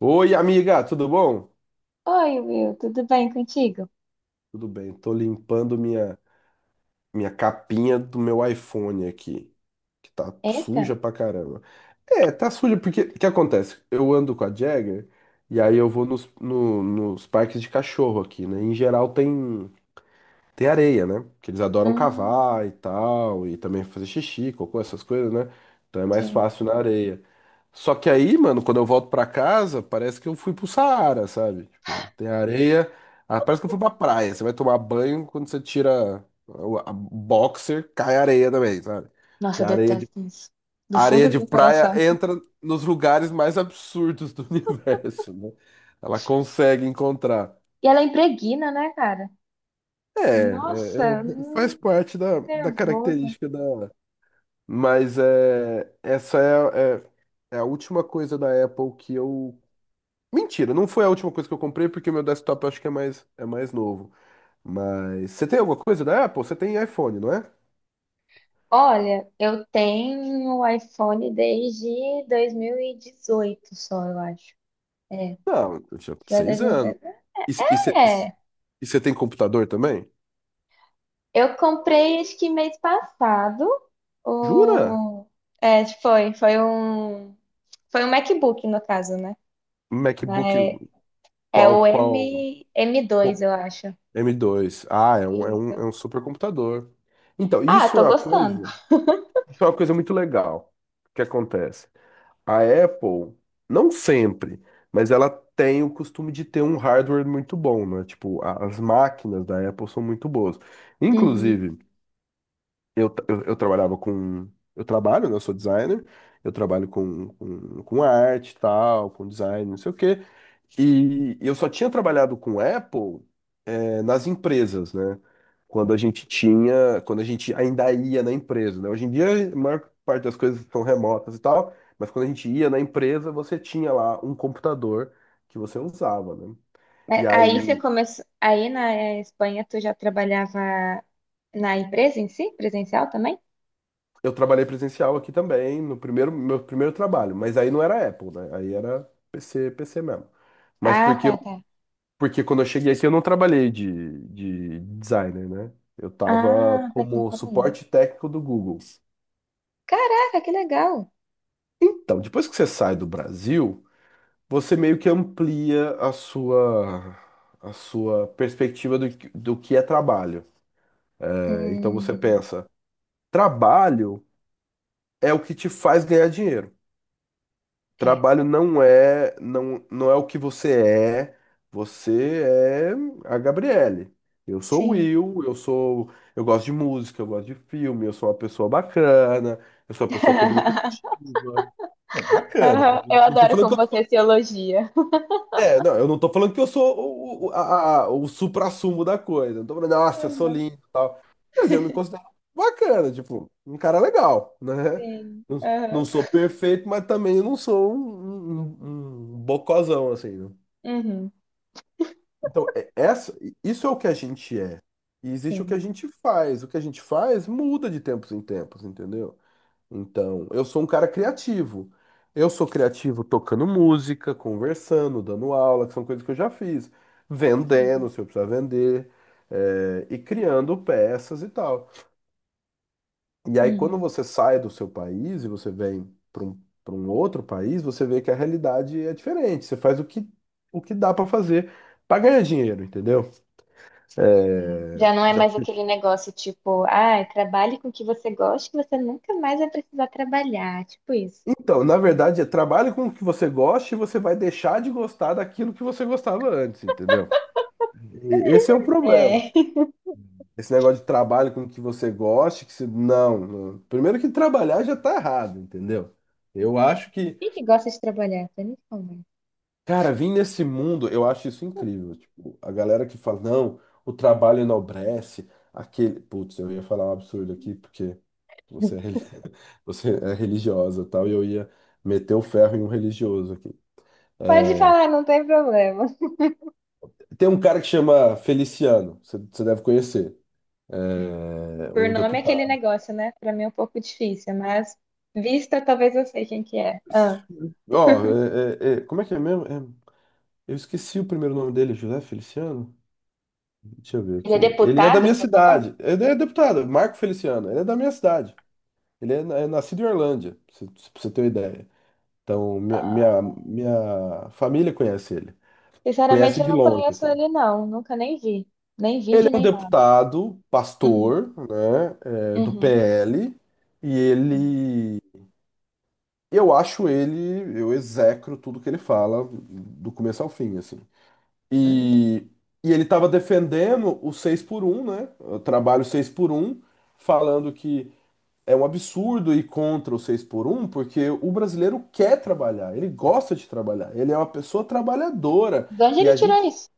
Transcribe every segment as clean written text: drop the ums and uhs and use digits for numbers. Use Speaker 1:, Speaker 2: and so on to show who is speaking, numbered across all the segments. Speaker 1: Oi, amiga, tudo bom?
Speaker 2: Oi, Will, tudo bem contigo?
Speaker 1: Tudo bem, tô limpando minha capinha do meu iPhone aqui, que tá
Speaker 2: Eita.
Speaker 1: suja pra caramba. É, tá suja porque, o que acontece? Eu ando com a Jagger e aí eu vou nos, no- nos parques de cachorro aqui, né? Em geral Tem areia, né? Que eles adoram
Speaker 2: Hum,
Speaker 1: cavar e tal, e também fazer xixi, cocô, essas coisas, né? Então é mais
Speaker 2: sim.
Speaker 1: fácil na areia. Só que aí, mano, quando eu volto pra casa, parece que eu fui pro Saara, sabe? Tipo, tem areia, ah, parece que eu fui pra praia. Você vai tomar banho, quando você tira o a boxer, cai areia também, sabe?
Speaker 2: Nossa,
Speaker 1: Que
Speaker 2: eu
Speaker 1: a areia de,
Speaker 2: detesto isso. Do
Speaker 1: A areia
Speaker 2: fundo do
Speaker 1: de
Speaker 2: meu
Speaker 1: praia
Speaker 2: coração.
Speaker 1: entra nos lugares mais absurdos do universo, né? Ela consegue encontrar.
Speaker 2: E ela é impregna, né, cara?
Speaker 1: É, é,
Speaker 2: Nossa,
Speaker 1: é, faz parte da
Speaker 2: nervosa.
Speaker 1: característica da. Mas é a última coisa da Apple que eu. Mentira, não foi a última coisa que eu comprei, porque meu desktop eu acho que é mais novo. Mas você tem alguma coisa da Apple? Você tem iPhone, não é?
Speaker 2: Olha, eu tenho o iPhone desde 2018, só, eu acho. É,
Speaker 1: Não, eu tinha
Speaker 2: já
Speaker 1: seis
Speaker 2: desde-
Speaker 1: anos. E e você
Speaker 2: é,
Speaker 1: e você tem computador também?
Speaker 2: eu comprei acho que mês passado.
Speaker 1: Jura?
Speaker 2: O... É, foi um MacBook, no caso, né?
Speaker 1: MacBook,
Speaker 2: É
Speaker 1: qual,
Speaker 2: o
Speaker 1: qual,
Speaker 2: M2,
Speaker 1: qual-
Speaker 2: eu acho.
Speaker 1: m dois? Ah,
Speaker 2: Isso.
Speaker 1: é um supercomputador. Então,
Speaker 2: Ah,
Speaker 1: isso
Speaker 2: tô
Speaker 1: é uma
Speaker 2: gostando.
Speaker 1: coisa. Isso é uma coisa muito legal que acontece. A Apple, não sempre, mas ela tem o costume de ter um hardware muito bom, né? Tipo, as máquinas da Apple são muito boas.
Speaker 2: Uhum.
Speaker 1: Inclusive, eu trabalhava com. Eu trabalho, né? Eu sou designer, eu trabalho com arte e tal, com design, não sei o quê. E eu só tinha trabalhado com Apple é, nas empresas, né? Quando a gente tinha, quando a gente ainda ia na empresa, né? Hoje em dia, a maior parte das coisas são remotas e tal, mas quando a gente ia na empresa, você tinha lá um computador que você usava, né? E
Speaker 2: Mas
Speaker 1: aí
Speaker 2: aí você começou. Aí na Espanha tu já trabalhava na empresa em si, presencial também?
Speaker 1: eu trabalhei presencial aqui também, no primeiro meu primeiro trabalho, mas aí não era Apple, né? Aí era PC, PC mesmo. Mas
Speaker 2: Ah,
Speaker 1: porque
Speaker 2: tá,
Speaker 1: eu,
Speaker 2: tá.
Speaker 1: porque quando eu cheguei aqui eu não trabalhei de designer, né? Eu tava
Speaker 2: Ah, pensei
Speaker 1: como
Speaker 2: que era aí.
Speaker 1: suporte técnico do Google.
Speaker 2: Caraca, que legal.
Speaker 1: Então, depois que você sai do Brasil, você meio que amplia a sua perspectiva do, do que é trabalho. É, então você
Speaker 2: Hum,
Speaker 1: pensa, trabalho é o que te faz ganhar dinheiro.
Speaker 2: é,
Speaker 1: Trabalho não é o que você é. Você é a Gabriele. Eu sou o
Speaker 2: sim.
Speaker 1: Will, eu gosto de música, eu gosto de filme, eu sou uma pessoa bacana, eu sou uma pessoa comunicativa. É bacana,
Speaker 2: Aham,
Speaker 1: eu
Speaker 2: eu
Speaker 1: não tô
Speaker 2: adoro
Speaker 1: falando
Speaker 2: como
Speaker 1: que
Speaker 2: você se elogia.
Speaker 1: É, não, eu não tô falando que eu sou o suprassumo da coisa. Não tô falando, nossa, eu sou
Speaker 2: Aham.
Speaker 1: lindo e tal. Mas eu me considero bacana, tipo, um cara legal, né?
Speaker 2: Sim.
Speaker 1: Não, não
Speaker 2: Aham.
Speaker 1: sou perfeito, mas também eu não sou um bocozão, assim, né?
Speaker 2: Uhum,
Speaker 1: Então, isso é o que a gente é. E existe o que
Speaker 2: sim.
Speaker 1: a gente faz. O que a gente faz muda de tempos em tempos, entendeu? Então, eu sou um cara criativo. Eu sou criativo tocando música, conversando, dando aula, que são coisas que eu já fiz. Vendendo, se eu precisar vender, e criando peças e tal. E aí,
Speaker 2: Uhum.
Speaker 1: quando você sai do seu país e você vem para um outro país, você vê que a realidade é diferente. Você faz o que dá para fazer para ganhar dinheiro, entendeu? É,
Speaker 2: Já não é
Speaker 1: Já-
Speaker 2: mais aquele negócio tipo, ah, trabalhe com o que você gosta, que você nunca mais vai precisar trabalhar. Tipo isso.
Speaker 1: Então, na verdade, é trabalho com o que você gosta e você vai deixar de gostar daquilo que você gostava antes, entendeu? E Esse é o problema.
Speaker 2: É.
Speaker 1: Esse negócio de trabalho com o que você goste, que se... não, não. Primeiro que trabalhar já tá errado, entendeu? Eu acho que,
Speaker 2: Quem que gosta de trabalhar? Pra mim, como é?
Speaker 1: cara, vir nesse mundo, eu acho isso incrível. Tipo, a galera que fala, não, o trabalho enobrece, aquele. Putz, eu ia falar um absurdo aqui, porque você é, reli- você é religiosa e tal, e eu ia meter o ferro em um religioso aqui.
Speaker 2: Pode
Speaker 1: É,
Speaker 2: falar, não tem problema.
Speaker 1: Tem um cara que chama Feliciano, você deve conhecer. É
Speaker 2: Por
Speaker 1: um
Speaker 2: nome é aquele
Speaker 1: deputado.
Speaker 2: negócio, né? Pra mim é um pouco difícil, mas vista talvez eu sei quem que é. Ah,
Speaker 1: Ó, como é que é mesmo? É, eu esqueci o primeiro nome dele, José Feliciano? Deixa eu ver
Speaker 2: ele é
Speaker 1: aqui. Ele é da
Speaker 2: deputado,
Speaker 1: minha
Speaker 2: que você falou?
Speaker 1: cidade. Ele é deputado, Marco Feliciano. Ele é da minha cidade. Ele é, é nascido em Orlândia, pra você ter uma ideia. Então, minha família conhece ele. Conhece
Speaker 2: Sinceramente, eu
Speaker 1: de
Speaker 2: não
Speaker 1: longe,
Speaker 2: conheço
Speaker 1: assim.
Speaker 2: ele, não. Nunca nem vi. Nem
Speaker 1: Ele
Speaker 2: vídeo,
Speaker 1: é um
Speaker 2: nem nada.
Speaker 1: deputado,
Speaker 2: Hum,
Speaker 1: pastor, né, é, do
Speaker 2: uhum,
Speaker 1: PL, e
Speaker 2: uhum.
Speaker 1: ele, eu acho ele, eu execro tudo que ele fala, do começo ao fim, assim. E, e ele estava defendendo o 6 por um né? O trabalho 6 por um falando que é um absurdo ir contra o 6 por um porque o brasileiro quer trabalhar, ele gosta de trabalhar, ele é uma pessoa trabalhadora.
Speaker 2: De onde
Speaker 1: E
Speaker 2: ele
Speaker 1: a gente,
Speaker 2: tirou isso?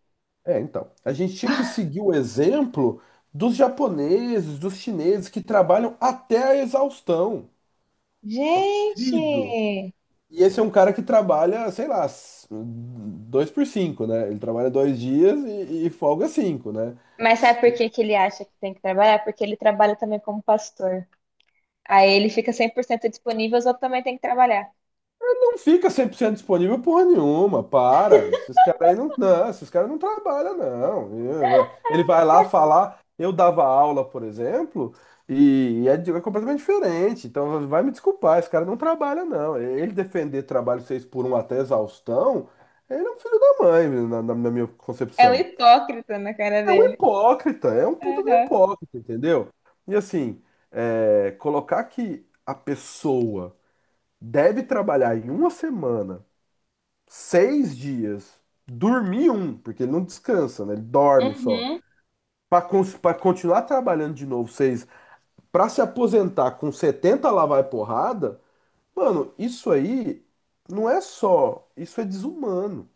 Speaker 1: é, então, a gente tinha que seguir o exemplo dos japoneses, dos chineses que trabalham até a exaustão. Pô, Querido,
Speaker 2: Gente!
Speaker 1: e esse é um cara que trabalha, sei lá, dois por cinco, né? Ele trabalha dois dias e folga cinco, né?
Speaker 2: Mas sabe por que que ele acha que tem que trabalhar? Porque ele trabalha também como pastor. Aí ele fica 100% disponível, os outros também têm que trabalhar.
Speaker 1: Não fica 100% disponível porra nenhuma, para. Esses caras aí esses caras não trabalham, não. Ele vai lá falar, eu dava aula, por exemplo, é completamente diferente. Então vai me desculpar, esse cara não trabalha, não. Ele defender trabalho seis por um até exaustão, ele é um filho da mãe, na minha
Speaker 2: É um
Speaker 1: concepção.
Speaker 2: hipócrita na cara
Speaker 1: É um
Speaker 2: dele.
Speaker 1: hipócrita, é um puta do
Speaker 2: Aham.
Speaker 1: hipócrita, entendeu? E assim, é, colocar que a pessoa deve trabalhar em uma semana, seis dias, dormir um, porque ele não descansa, né? Ele dorme só.
Speaker 2: Uhum.
Speaker 1: Pra continuar trabalhando de novo, seis, pra se aposentar com 70 lá vai porrada, mano, isso aí não é só, isso é desumano.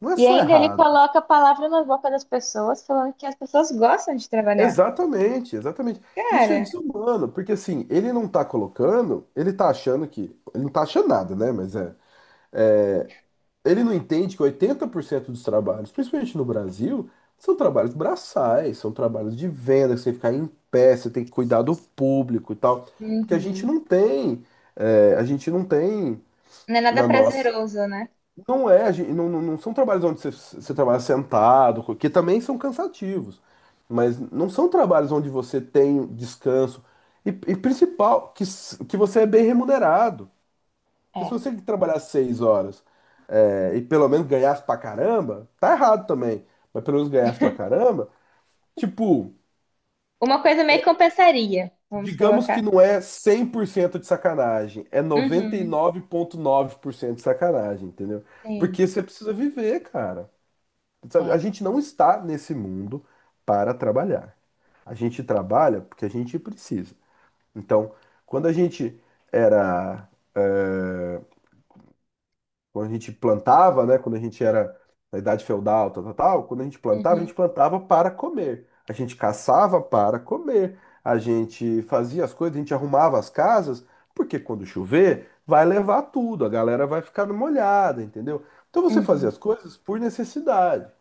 Speaker 1: Não é
Speaker 2: E
Speaker 1: só
Speaker 2: ainda ele
Speaker 1: errado.
Speaker 2: coloca a palavra na boca das pessoas, falando que as pessoas gostam de trabalhar.
Speaker 1: Exatamente, exatamente. Isso é
Speaker 2: Cara,
Speaker 1: desumano, porque assim, ele não tá colocando, ele tá achando que. Ele não tá achando nada, né? Mas é. É, ele não entende que 80% dos trabalhos, principalmente no Brasil, são trabalhos braçais, são trabalhos de venda, que você tem que ficar em pé, você tem que cuidar do público e tal. Porque a gente
Speaker 2: uhum.
Speaker 1: não tem. É, a gente não tem
Speaker 2: Não é nada
Speaker 1: na nossa.
Speaker 2: prazeroso, né?
Speaker 1: Não é, gen- não são trabalhos onde você, você trabalha sentado, que também são cansativos, mas não são trabalhos onde você tem descanso. E principal, que, s- que você é bem remunerado. Porque se
Speaker 2: É.
Speaker 1: você trabalhar seis horas é, e pelo menos ganhasse pra caramba, tá errado também, mas pelo menos ganhasse pra caramba, tipo,
Speaker 2: Uma coisa meio que compensaria, vamos
Speaker 1: digamos
Speaker 2: colocar.
Speaker 1: que não é 100% de sacanagem, é noventa e
Speaker 2: Uhum.
Speaker 1: nove vírgula nove por cento de sacanagem, entendeu?
Speaker 2: Sim.
Speaker 1: Porque você precisa viver, cara. Sabe, a
Speaker 2: É.
Speaker 1: gente não está nesse mundo para trabalhar. A gente trabalha porque a gente precisa. Então, quando a gente era, eh, quando a gente plantava, né, quando a gente era na idade feudal, tal, tal, tal, quando a
Speaker 2: Uhum.
Speaker 1: gente plantava para comer. A gente caçava para comer. A gente fazia as coisas, a gente arrumava as casas, porque quando chover, vai levar tudo, a galera vai ficar molhada, entendeu? Então você fazia
Speaker 2: Uhum.
Speaker 1: as coisas por necessidade.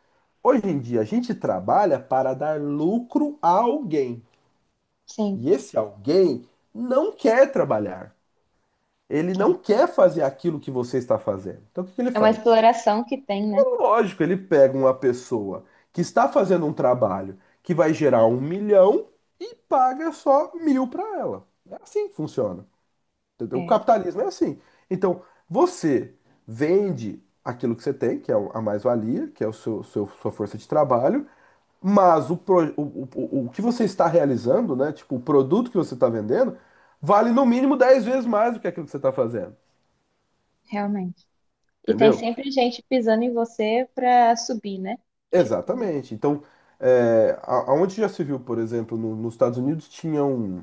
Speaker 1: Hoje em dia, a gente trabalha para dar lucro a alguém.
Speaker 2: Sim.
Speaker 1: E esse alguém não quer trabalhar. Ele não
Speaker 2: É.
Speaker 1: quer fazer aquilo que você está fazendo. Então, o que que ele
Speaker 2: É uma
Speaker 1: faz?
Speaker 2: exploração que tem, né?
Speaker 1: Lógico, ele pega uma pessoa que está fazendo um trabalho que vai gerar um milhão e paga só mil para ela. É assim que funciona. Entendeu? O
Speaker 2: É,
Speaker 1: capitalismo é assim. Então, você vende aquilo que você tem, que é a mais-valia, que é o sua força de trabalho, mas o, pro- o que você está realizando, né? Tipo, o produto que você está vendendo, vale no mínimo 10 vezes mais do que aquilo que você está fazendo.
Speaker 2: realmente. E tem
Speaker 1: Entendeu?
Speaker 2: sempre gente pisando em você pra subir, né? Tipo,
Speaker 1: Exatamente. Então, é, aonde já se viu, por exemplo, nos Estados Unidos, tinha um,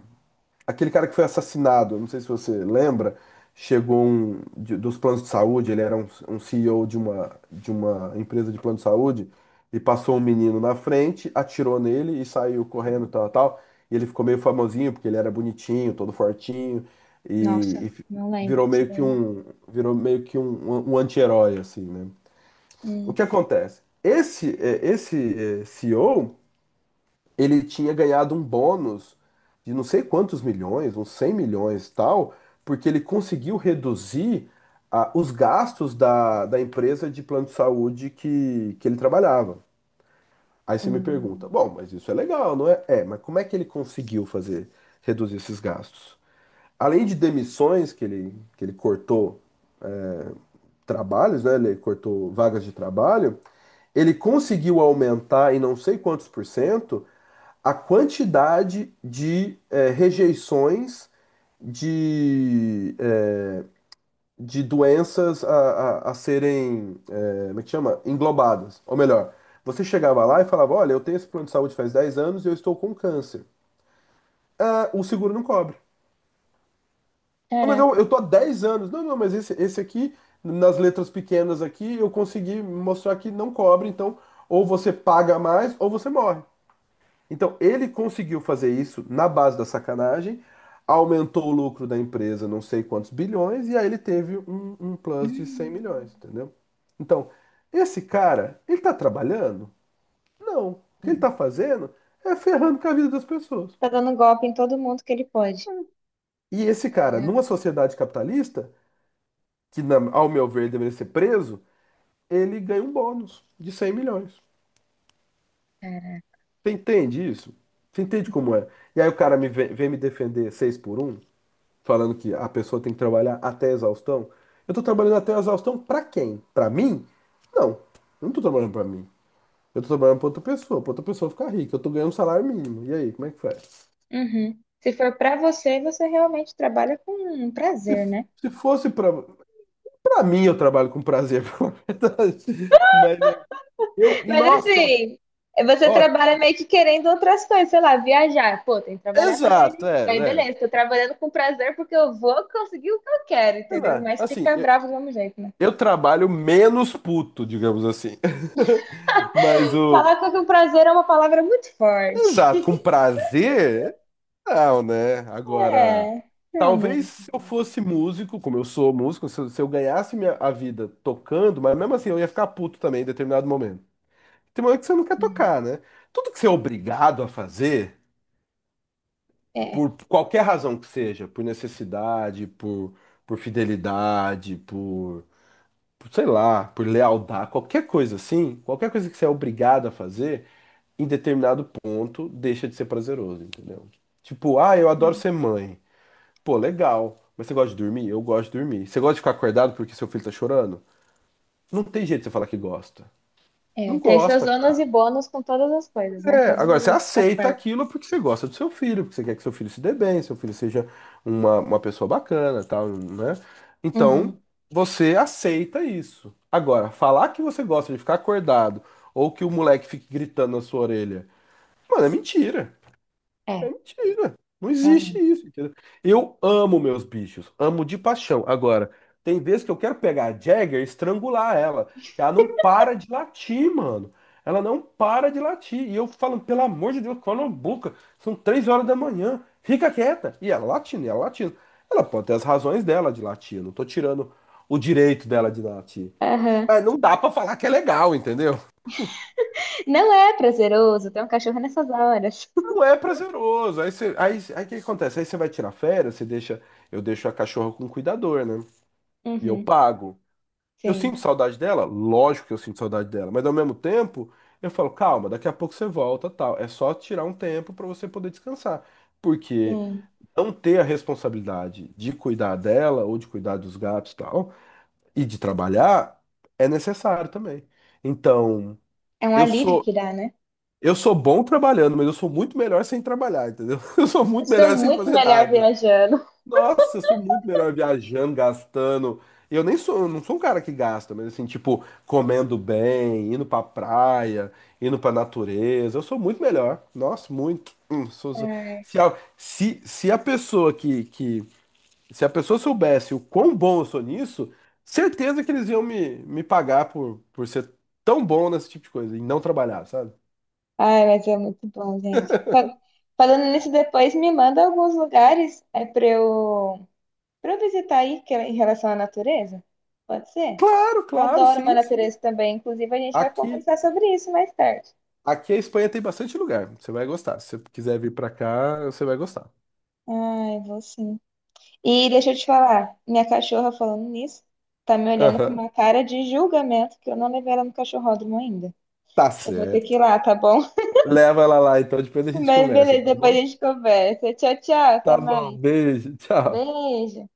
Speaker 1: aquele cara que foi assassinado, não sei se você lembra, chegou um, dos planos de saúde, ele era um CEO de uma empresa de plano de saúde, e passou um menino na frente, atirou nele e saiu correndo, tal, tal, e ele ficou meio famosinho, porque ele era bonitinho, todo fortinho, e,
Speaker 2: nossa,
Speaker 1: e fi-
Speaker 2: não lembro
Speaker 1: virou
Speaker 2: disso
Speaker 1: meio que
Speaker 2: daí, não.
Speaker 1: um, virou meio que um anti-herói, assim, né? O
Speaker 2: Hum.
Speaker 1: que acontece? CEO, ele tinha ganhado um bônus de não sei quantos milhões, uns 100 milhões e tal, porque ele conseguiu reduzir ah, os gastos da empresa de plano de saúde que ele trabalhava. Aí você me pergunta,
Speaker 2: Hum,
Speaker 1: bom, mas isso é legal, não é? É, mas como é que ele conseguiu fazer, reduzir esses gastos? Além de demissões, que ele cortou trabalhos, né? Ele cortou vagas de trabalho, ele conseguiu aumentar em não sei quantos por cento a quantidade de rejeições de, eh, de doenças a serem, como é que chama? Englobadas. Ou melhor, você chegava lá e falava: Olha, eu tenho esse plano de saúde faz 10 anos e eu estou com câncer. Ah, o seguro não cobre. "Ah, mas eu,
Speaker 2: caraca.
Speaker 1: eu tô há 10 anos. Não, não, mas esse aqui, nas letras pequenas aqui, eu consegui mostrar que não cobre, então ou você paga mais ou você morre. Então, ele conseguiu fazer isso na base da sacanagem, aumentou o lucro da empresa não sei quantos bilhões, e aí ele teve um plus de 100 milhões,
Speaker 2: Hum,
Speaker 1: entendeu? Então, esse cara, ele tá trabalhando? Não. O que ele
Speaker 2: não.
Speaker 1: tá fazendo é ferrando com a vida das pessoas.
Speaker 2: Tá dando golpe em todo mundo que ele pode.
Speaker 1: E esse cara,
Speaker 2: Caraca,
Speaker 1: numa sociedade capitalista, que ao meu ver deveria ser preso, ele ganha um bônus de 100 milhões.
Speaker 2: cara.
Speaker 1: Você entende isso? Você entende como é? E aí o cara me vem me defender 6x1? Falando que a pessoa tem que trabalhar até a exaustão. Eu tô trabalhando até a exaustão pra quem? Pra mim? Não, eu não tô trabalhando pra mim. Eu tô trabalhando pra outra pessoa ficar rica. Eu tô ganhando um salário mínimo. E aí, como é que faz?
Speaker 2: Uhum. Se for pra você, você realmente trabalha com
Speaker 1: Se,
Speaker 2: prazer, né?
Speaker 1: se fosse pra mim, eu trabalho com prazer, pra verdade. Mas
Speaker 2: Mas
Speaker 1: nossa,
Speaker 2: assim, você
Speaker 1: ó,
Speaker 2: trabalha meio que querendo outras coisas, sei lá, viajar. Pô, tem que trabalhar pra ganhar
Speaker 1: exato,
Speaker 2: dinheiro.
Speaker 1: é,
Speaker 2: Aí
Speaker 1: né?
Speaker 2: beleza, tô trabalhando com prazer porque eu vou conseguir o que eu quero, entendeu?
Speaker 1: Exato.
Speaker 2: Mas
Speaker 1: Assim,
Speaker 2: fica
Speaker 1: eu,
Speaker 2: bravo do mesmo jeito, né?
Speaker 1: eu trabalho menos puto, digamos assim. Mas o.
Speaker 2: Falar que o prazer é uma palavra muito forte.
Speaker 1: Exato, com prazer, não, né? Agora,
Speaker 2: É,
Speaker 1: talvez
Speaker 2: realmente.
Speaker 1: se eu fosse músico, como eu sou músico, se eu ganhasse a vida tocando, mas mesmo assim eu ia ficar puto também em determinado momento. Tem momento que você não quer tocar, né? Tudo que você é obrigado a fazer,
Speaker 2: É,
Speaker 1: por qualquer razão que seja, por necessidade, por fidelidade, sei lá, por lealdade, qualquer coisa assim, qualquer coisa que você é obrigado a fazer, em determinado ponto, deixa de ser prazeroso, entendeu? Tipo, ah, eu adoro ser
Speaker 2: é.
Speaker 1: mãe. Pô, legal. Mas você gosta de dormir? Eu gosto de dormir. Você gosta de ficar acordado porque seu filho tá chorando? Não tem jeito de você falar que gosta. Não
Speaker 2: É, tem seus
Speaker 1: gosta.
Speaker 2: ônus
Speaker 1: Cara.
Speaker 2: e bônus com todas as coisas, né?
Speaker 1: É,
Speaker 2: Todos
Speaker 1: agora você
Speaker 2: os
Speaker 1: aceita
Speaker 2: aspectos.
Speaker 1: aquilo porque você gosta do seu filho, porque você quer que seu filho se dê bem, seu filho seja uma pessoa bacana, tal, né? Então,
Speaker 2: Uhum.
Speaker 1: você aceita isso. Agora, falar que você gosta de ficar acordado ou que o moleque fique gritando na sua orelha, mano, é mentira. É
Speaker 2: É,
Speaker 1: mentira. Não existe
Speaker 2: realmente.
Speaker 1: isso, entendeu? Eu amo meus bichos, amo de paixão. Agora, tem vezes que eu quero pegar a Jagger e estrangular ela, que ela não para de latir, mano. Ela não para de latir. E eu falo, pelo amor de Deus, cala a boca. São 3 horas da manhã. Fica quieta. E ela latindo, e ela latindo. Ela pode ter as razões dela de latir. Eu não tô tirando o direito dela de latir.
Speaker 2: Aham.
Speaker 1: Mas não dá pra falar que é legal, entendeu?
Speaker 2: Não é prazeroso ter um cachorro nessas horas.
Speaker 1: Não é prazeroso. Aí o que acontece? Aí você vai tirar férias, eu deixo a cachorra com o cuidador, né? E eu
Speaker 2: Uhum.
Speaker 1: pago. Eu
Speaker 2: Sim,
Speaker 1: sinto saudade dela? Lógico que eu sinto saudade dela, mas ao mesmo tempo, eu falo, calma, daqui a pouco você volta, tal. É só tirar um tempo pra você poder descansar. Porque
Speaker 2: sim.
Speaker 1: não ter a responsabilidade de cuidar dela ou de cuidar dos gatos, tal, e de trabalhar é necessário também. Então,
Speaker 2: É um
Speaker 1: eu
Speaker 2: alívio
Speaker 1: sou
Speaker 2: que dá, né?
Speaker 1: eu sou bom trabalhando, mas eu sou muito melhor sem trabalhar, entendeu? Eu sou
Speaker 2: Eu
Speaker 1: muito
Speaker 2: sou
Speaker 1: melhor sem
Speaker 2: muito
Speaker 1: fazer
Speaker 2: melhor
Speaker 1: nada.
Speaker 2: viajando.
Speaker 1: Nossa, eu sou muito melhor viajando, gastando. Eu não sou um cara que gasta, mas assim, tipo, comendo bem, indo pra praia, indo pra natureza. Eu sou muito melhor. Nossa, muito.
Speaker 2: Ai,
Speaker 1: Se, a, se, se a pessoa que, que. Se a pessoa soubesse o quão bom eu sou nisso, certeza que eles iam me pagar por ser tão bom nesse tipo de coisa e não trabalhar, sabe?
Speaker 2: ai, mas é muito bom, gente. Falando nisso, depois me manda alguns lugares, para visitar aí, que é em relação à natureza? Pode ser?
Speaker 1: Claro,
Speaker 2: Eu
Speaker 1: claro,
Speaker 2: adoro uma
Speaker 1: sim, sim.
Speaker 2: natureza também. Inclusive, a gente vai
Speaker 1: Aqui,
Speaker 2: conversar sobre isso mais tarde.
Speaker 1: aqui a Espanha tem bastante lugar. Você vai gostar. Se você quiser vir pra cá, você vai gostar.
Speaker 2: Ai, vou sim. E deixa eu te falar, minha cachorra, falando nisso, tá me olhando com
Speaker 1: Aham.
Speaker 2: uma cara de julgamento que eu não levei ela no cachorródromo ainda.
Speaker 1: Tá
Speaker 2: Eu vou ter que
Speaker 1: certo.
Speaker 2: ir lá, tá bom?
Speaker 1: Leva ela lá, então depois a gente
Speaker 2: Mas
Speaker 1: conversa,
Speaker 2: beleza,
Speaker 1: tá
Speaker 2: depois a
Speaker 1: bom?
Speaker 2: gente conversa. Tchau, tchau, até
Speaker 1: Tá bom,
Speaker 2: mais.
Speaker 1: beijo, tchau.
Speaker 2: Beijo.